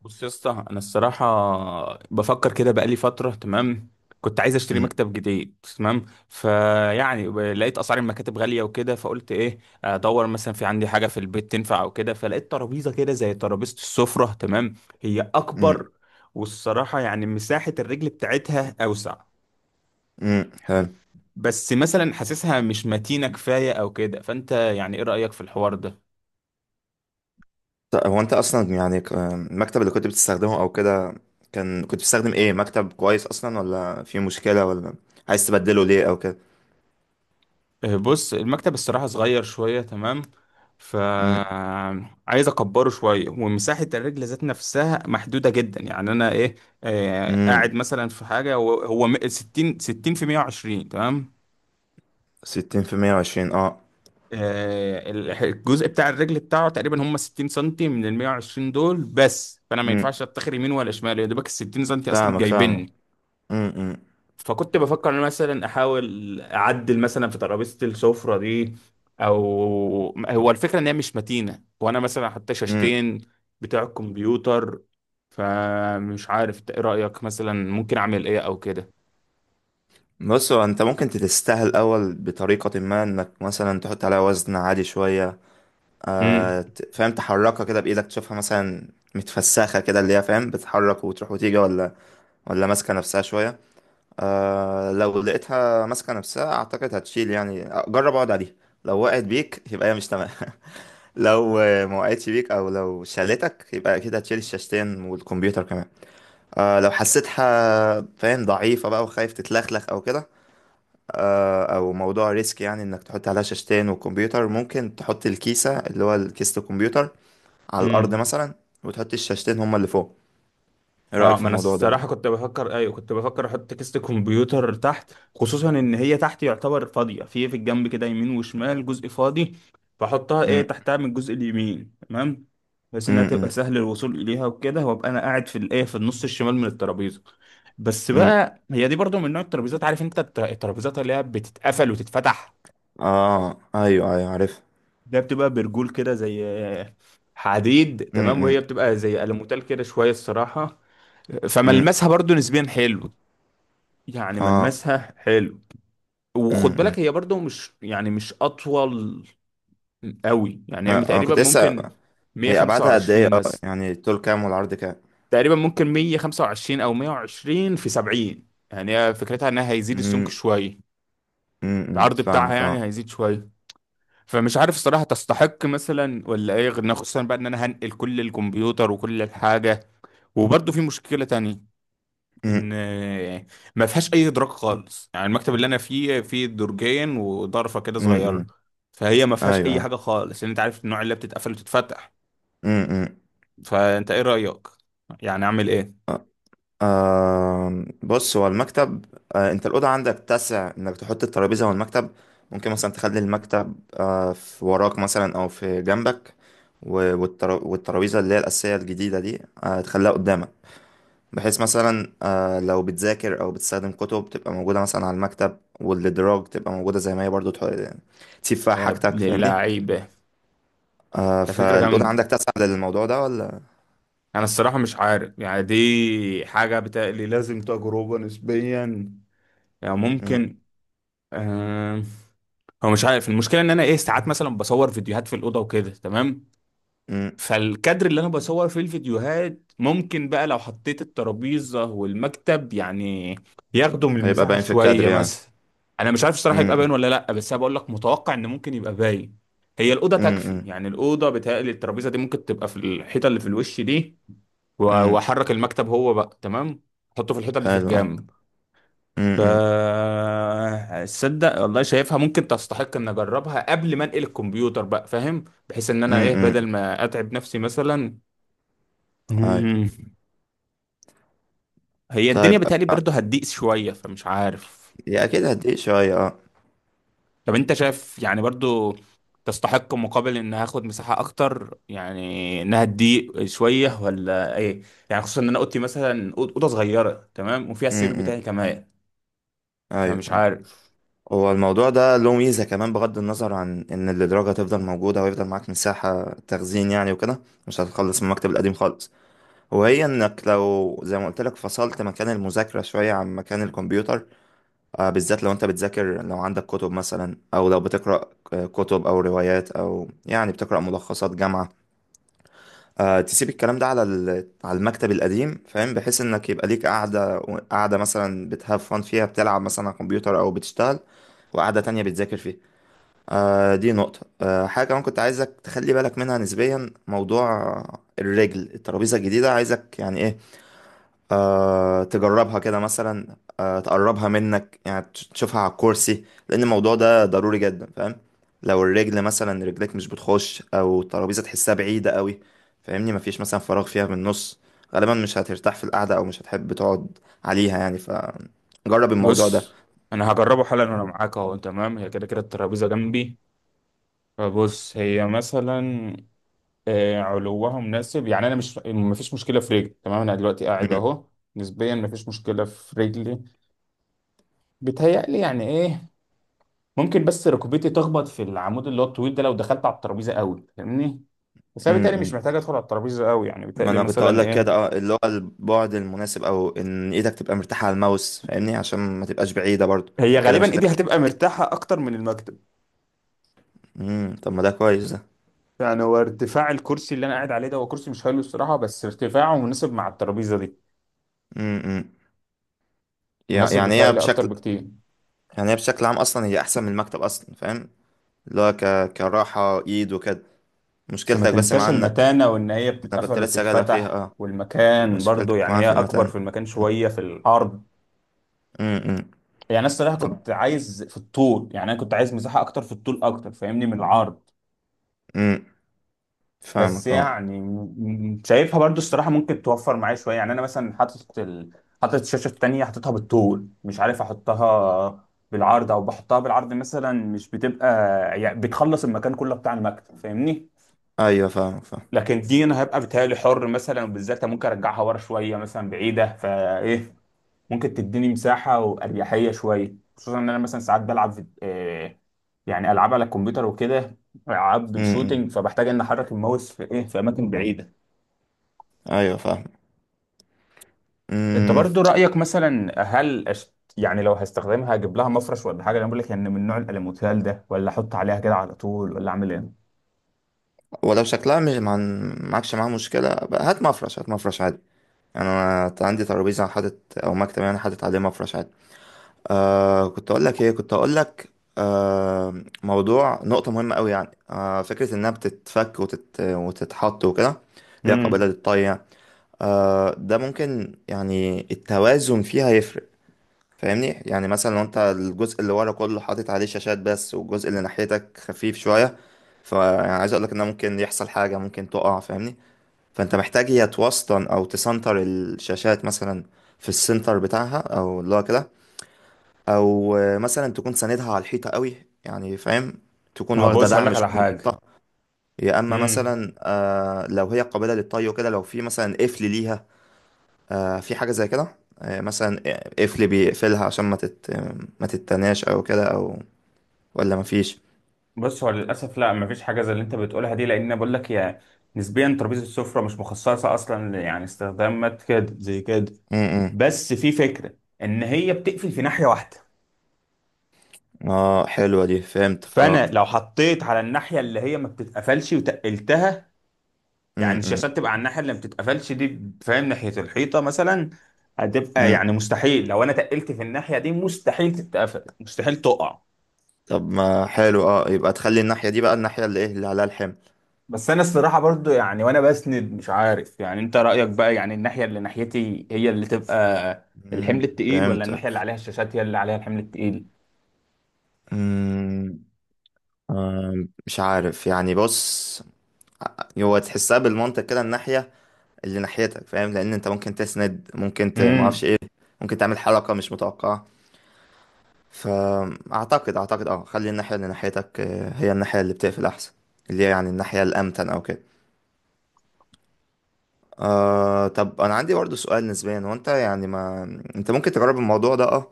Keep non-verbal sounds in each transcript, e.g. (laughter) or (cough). بص يا اسطى، انا الصراحه بفكر كده بقالي فتره. تمام، كنت عايز اشتري مم. مكتب جديد. تمام، فيعني لقيت اسعار المكاتب غاليه وكده، فقلت ايه، ادور مثلا في عندي حاجه في البيت تنفع او كده. فلقيت ترابيزه كده زي ترابيزه السفره. تمام، هي مم. اكبر، والصراحه يعني مساحه الرجل بتاعتها اوسع. مم. حلو. بس مثلا حاسسها مش متينه كفايه او كده. فانت يعني ايه رايك في الحوار ده؟ هو انت اصلا يعني المكتب اللي كنت بتستخدمه او كده، كنت بتستخدم ايه، مكتب كويس اصلا ولا في مشكلة، ولا عايز تبدله ليه او كده؟ آه، بص، المكتب الصراحة صغير شوية. تمام، ف مم. عايز اكبره شوية، ومساحة الرجل ذات نفسها محدودة جدا. يعني انا ايه، آه، مم. قاعد مثلا في حاجة 60 في 120. تمام، 60 في 120. اه آه، الجزء بتاع الرجل بتاعه تقريبا هم 60 سنتي من ال 120 دول بس. فانا ما مم. ينفعش اتخر يمين ولا شمال، يا دوبك ال 60 سنتي اصلا فاهمك فاهمك. جايبني. مم. مم. فكنت بفكر ان أنا مثلا احاول اعدل مثلا في ترابيزه السفره دي، او هو الفكره ان هي مش متينه، وانا مثلا حتى مم. شاشتين بتاع الكمبيوتر. فمش عارف إنت ايه رايك، مثلا ممكن اعمل ايه او كده؟ بص، هو انت ممكن تتستاهل الاول بطريقة ما انك مثلا تحط عليها وزن عالي شوية. فاهم، تحركها كده بايدك تشوفها مثلا متفسخة كده اللي هي فاهم، بتتحرك وتروح وتيجي، ولا ماسكة نفسها شوية. لو لقيتها ماسكة نفسها أعتقد هتشيل يعني. جرب اقعد عليها. لو وقعت بيك يبقى هي مش تمام. (laughs) لو ما وقعتش بيك أو لو شالتك يبقى أكيد هتشيل الشاشتين والكمبيوتر كمان. لو حسيتها فاهم ضعيفة بقى وخايف تتلخلخ أو كده. أو موضوع ريسك، يعني إنك تحط عليها شاشتين وكمبيوتر ممكن تحط الكيسة اللي هو كيسة الكمبيوتر على الأرض امم، مثلا، وتحط الشاشتين هما اللي فوق. إيه رأيك اه في ما انا الموضوع ده؟ الصراحه كنت بفكر، ايوه كنت بفكر احط كيسه الكمبيوتر تحت، خصوصا ان هي تحت يعتبر فاضيه، في الجنب كده يمين وشمال جزء فاضي. فاحطها ايه، م- تحتها من الجزء اليمين. تمام، بحيث م- انها تبقى م- سهل الوصول اليها وكده، وابقى انا قاعد في الايه، في النص الشمال من الترابيزه. بس م. بقى هي دي برضو من نوع الترابيزات، عارف انت الترابيزات اللي هي بتتقفل وتتفتح. أيوه أيوه عارف. ده بتبقى برجول كده زي آه، حديد. م- تمام، وهي م. بتبقى زي ألموتال كده شويه الصراحه. امم فملمسها برضو نسبيا حلو، يعني اه ملمسها حلو. امم وخد بالك امم. هي برضو مش، يعني مش اطول قوي. يعني هي ما انا تقريبا كنت لسه، ممكن هي ابعادها قد ايه؟ 125 اه مثلا، يعني الطول كام والعرض كام؟ تقريبا ممكن 125 او 120 في 70. يعني هي فكرتها انها هيزيد السمك امم شويه، العرض بتاعها فاهمك. اه يعني هيزيد شويه. فمش عارف الصراحه تستحق مثلا ولا ايه، غير خصوصا بقى ان انا هنقل كل الكمبيوتر وكل الحاجه. وبرضو في مشكله تانية، امم ان ما فيهاش اي ادراك خالص. يعني المكتب اللي انا فيه، فيه درجين وضرفه كده امم صغيره. امم. فهي ما فيهاش ايوه، اي حاجه أيوه. خالص، لان انت عارف النوع اللي بتتقفل وتتفتح. امم فانت ايه رايك، يعني اعمل ايه؟ بص هو المكتب، انت الاوضه عندك تسع انك تحط الترابيزه والمكتب؟ ممكن مثلا تخلي المكتب في وراك مثلا او في جنبك، والترابيزه اللي هي الاساسيه الجديده دي تخليها قدامك، بحيث مثلا لو بتذاكر او بتستخدم كتب تبقى موجوده مثلا على المكتب، والادراج تبقى موجوده زي ما هي برضو تسيب فيها يا حاجتك، ابن فاهمني. اللعيبه، ده فكره فالاوضه جامده. عندك تسعة للموضوع ده ولا؟ انا الصراحه مش عارف، يعني دي حاجه بتقلي لازم تجربه نسبيا. يعني م- ممكن آه... هو مش عارف، المشكله ان انا ايه، ساعات مثلا بصور فيديوهات في الاوضه وكده. تمام، م. فالكادر اللي انا بصور فيه الفيديوهات، ممكن بقى لو حطيت الترابيزة والمكتب يعني ياخدوا من هيبقى المساحة باين في الكادر شوية يعني. مثلا. انا مش عارف الصراحة يبقى باين م- ولا لا، بس انا بقول لك متوقع ان ممكن يبقى باين. هي الأوضة م- تكفي، م- يعني الأوضة بتهيألي الترابيزة دي ممكن تبقى في الحيطة اللي في الوش دي، م. وأحرك المكتب هو بقى. تمام، أحطه في الحيطة اللي في حلو، اه. الجنب. م- ف م- تصدق والله شايفها ممكن تستحق ان اجربها قبل ما انقل الكمبيوتر بقى، فاهم، بحيث ان انا م- ايه بدل م. ما اتعب نفسي مثلا. ايوه. مم. هي الدنيا طيب، بتهيألي برضه هتضيق شوية، فمش عارف. يا اكيد هديك شويه. اه طب انت شايف يعني برضه تستحق، مقابل ان هاخد مساحة اكتر يعني، انها تضيق شوية ولا ايه؟ يعني خصوصا ان انا اوضتي مثلا اوضة صغيرة. تمام، وفيها م- السرير بتاعي م. كمان. ايوه، فمش آه. عارف. هو الموضوع ده له ميزة كمان، بغض النظر عن إن الإدراج هتفضل موجودة ويفضل معاك مساحة تخزين يعني وكده. مش هتخلص من المكتب القديم خالص. وهي إنك لو زي ما قلت لك فصلت مكان المذاكرة شوية عن مكان الكمبيوتر، بالذات لو أنت بتذاكر، لو عندك كتب مثلا أو لو بتقرأ كتب أو روايات أو يعني بتقرأ ملخصات جامعة، تسيب الكلام ده على على المكتب القديم، فاهم، بحيث إنك يبقى ليك قاعدة، قاعدة مثلا بتهاف فن فيها بتلعب مثلا على الكمبيوتر أو بتشتغل، وقاعدة تانية بتذاكر فيها. دي نقطة. حاجة كمان كنت عايزك تخلي بالك منها نسبيا، موضوع الرجل، الترابيزة الجديدة، عايزك يعني ايه، تجربها كده مثلا، تقربها منك يعني، تشوفها على الكرسي، لأن الموضوع ده ضروري جدا، فاهم. لو الرجل مثلا، رجلك مش بتخش أو الترابيزة تحسها بعيدة قوي، فاهمني، مفيش مثلا فراغ فيها من النص، غالبا مش هترتاح في القعدة أو مش هتحب تقعد عليها يعني، فجرب الموضوع ده. بص، انا هجربه حالا وانا معاك اهو. تمام، هي كده كده الترابيزة جنبي. فبص، هي مثلا آه، علوها مناسب. يعني انا مش، مفيش مشكلة في رجلي. تمام، انا دلوقتي قاعد م- اهو، نسبيا مفيش مشكلة في رجلي. بيتهيألي يعني ايه، ممكن بس ركبتي تخبط في العمود اللي هو الطويل ده لو دخلت على الترابيزه قوي، فاهمني. بس م- انا بيتهيألي مش م. محتاج ادخل على الترابيزه قوي. يعني ما بيتهيألي انا كنت اقول مثلا لك ايه، كده، اللي هو البعد المناسب، او ان ايدك تبقى مرتاحه على الماوس، فاهمني، عشان ما تبقاش بعيده برضو. هي كده غالبا مش ايدي هتبقى. هتبقى مرتاحه اكتر من المكتب. طب ما ده كويس ده. يعني هو ارتفاع الكرسي اللي انا قاعد عليه ده، هو كرسي مش حلو الصراحه، بس ارتفاعه مناسب مع الترابيزه دي، امم مناسب يعني هي بيتهيألي اكتر بشكل، بكتير. يعني هي بشكل عام اصلا هي احسن من المكتب اصلا، فاهم، اللي هو كراحه ايد وكده. بس ما مشكلتك بس مع تنساش انك، المتانه، وان هي انا كنت بتتقفل لسه جايلك فيها. وبتتفتح، اه والمكان برضو، مشكلتك يعني معاه هي في اكبر المتن. في المكان شويه في العرض. امم يعني انا الصراحه طب. كنت عايز في الطول، يعني انا كنت عايز مساحه اكتر في الطول اكتر فاهمني من العرض. امم بس فاهمك. اه يعني شايفها برضو الصراحه ممكن توفر معايا شويه. يعني انا مثلا حاطط ال... حاطط الشاشه التانيه حاططها بالطول، مش عارف احطها بالعرض او بحطها بالعرض مثلا. مش بتبقى، يعني بتخلص المكان كله بتاع المكتب، فاهمني. ايوه، فاهمك فاهم. لكن دي انا هبقى بتهيألي حر مثلا، وبالذات ممكن ارجعها ورا شويه مثلا بعيده، فايه ممكن تديني مساحة وأريحية شوية. خصوصا إن أنا مثلا ساعات بلعب في آه، يعني ألعاب على الكمبيوتر وكده، ألعاب امم شوتينج، فبحتاج إن أحرك الماوس في إيه، في أماكن بعيدة. ايوه، أنت فاهم. برضو رأيك مثلا، هل أشت... يعني لو هستخدمها هجيب لها مفرش ولا حاجة؟ أنا بقول لك إن من نوع الألوميتال ده، ولا أحط عليها كده على طول، ولا أعمل إيه؟ ولو شكلها مش معكش معاها مشكلة بقى، هات مفرش، هات مفرش عادي. يعني أنا عندي ترابيزة حاطط أو مكتب، يعني حاطط عليه مفرش عادي. كنت أقول لك إيه، كنت أقول لك، آه موضوع نقطة مهمة أوي يعني، فكرة إنها بتتفك وتتحط وكده، ليها قابلة امم، للطي يعني. ده ممكن يعني التوازن فيها يفرق، فاهمني، يعني مثلا لو انت الجزء اللي ورا كله حاطط عليه شاشات بس والجزء اللي ناحيتك خفيف شوية، فعايز اقولك ان ممكن يحصل حاجة، ممكن تقع، فاهمني. فانت محتاج يا توسطن او تسنتر الشاشات مثلا، في السنتر بتاعها او اللي هو كده، او مثلا تكون ساندها على الحيطة قوي، يعني فاهم، تكون ما هو واخدة بص هقول لك دعم شوية على من حاجه. الحيطة، يا اما امم، مثلا لو هي قابلة للطي وكده، لو في مثلا قفل ليها، في حاجة زي كده، مثلا قفل بيقفلها عشان ما تتناش او كده، او ولا مفيش. بص هو للاسف لا، ما فيش حاجه زي اللي انت بتقولها دي. لان أنا بقول لك يا، نسبيا ترابيزه السفره مش مخصصه اصلا يعني استخدامات كده زي كده. امم بس في فكرة ان هي بتقفل في ناحية واحدة. اه حلوة دي، فهمتك. اه فانا لو حطيت على الناحية اللي هي ما بتتقفلش وتقلتها، يعني امم الشاشات تبقى على الناحية اللي ما بتتقفلش دي، فاهم، ناحية الحيطة مثلا، هتبقى امم يعني مستحيل لو انا تقلت في الناحية دي مستحيل تتقفل، مستحيل تقع. طب ما حلو، يبقى تخلي الناحية دي بقى الناحية اللي ايه، اللي عليها الحمل. بس انا الصراحة برضو يعني وانا بسند، مش عارف يعني انت رأيك بقى، يعني الناحية اللي ناحيتي هي اللي تبقى الحمل التقيل، ولا فهمتك. الناحية اللي عليها الشاشات هي اللي عليها الحمل التقيل؟ امم آه، مش عارف يعني، بص، هو تحسها بالمنطق كده، الناحية اللي ناحيتك فاهم، لان انت ممكن تسند، ممكن معرفش امم، ايه، ممكن تعمل حركة مش متوقعة، فاعتقد خلي الناحيه اللي ناحيتك هي الناحيه اللي بتقفل احسن، اللي هي يعني الناحيه الامتن او كده. طب انا عندي برضه سؤال نسبيا، هو انت يعني، ما انت ممكن تجرب الموضوع ده. اه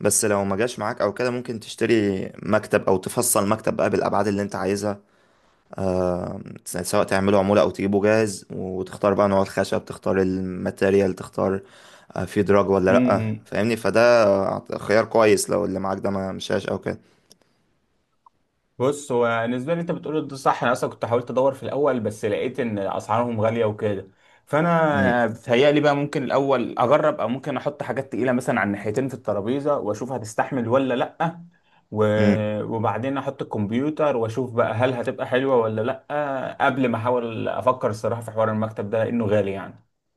بس لو ما جاش معاك او كده، ممكن تشتري مكتب او تفصل مكتب بقى بالابعاد اللي انت عايزها، سواء تعمله عمولة او تجيبه جاهز، وتختار بقى نوع الخشب، تختار الماتيريال، تختار في دراج ولا امم. لأ، امم. فاهمني، فده خيار كويس لو اللي معاك ده ما مشاش او كده. بص هو بالنسبه لي انت بتقول ده صح، انا اصلا كنت حاولت ادور في الاول، بس لقيت ان اسعارهم غاليه وكده. فانا بتهيألي بقى ممكن الاول اجرب، او ممكن احط حاجات تقيله مثلا على الناحيتين في الترابيزه واشوف هتستحمل ولا لا. مم. وبعدين احط الكمبيوتر واشوف بقى هل هتبقى حلوه ولا لا، قبل ما احاول افكر الصراحه في حوار المكتب ده لانه غالي يعني.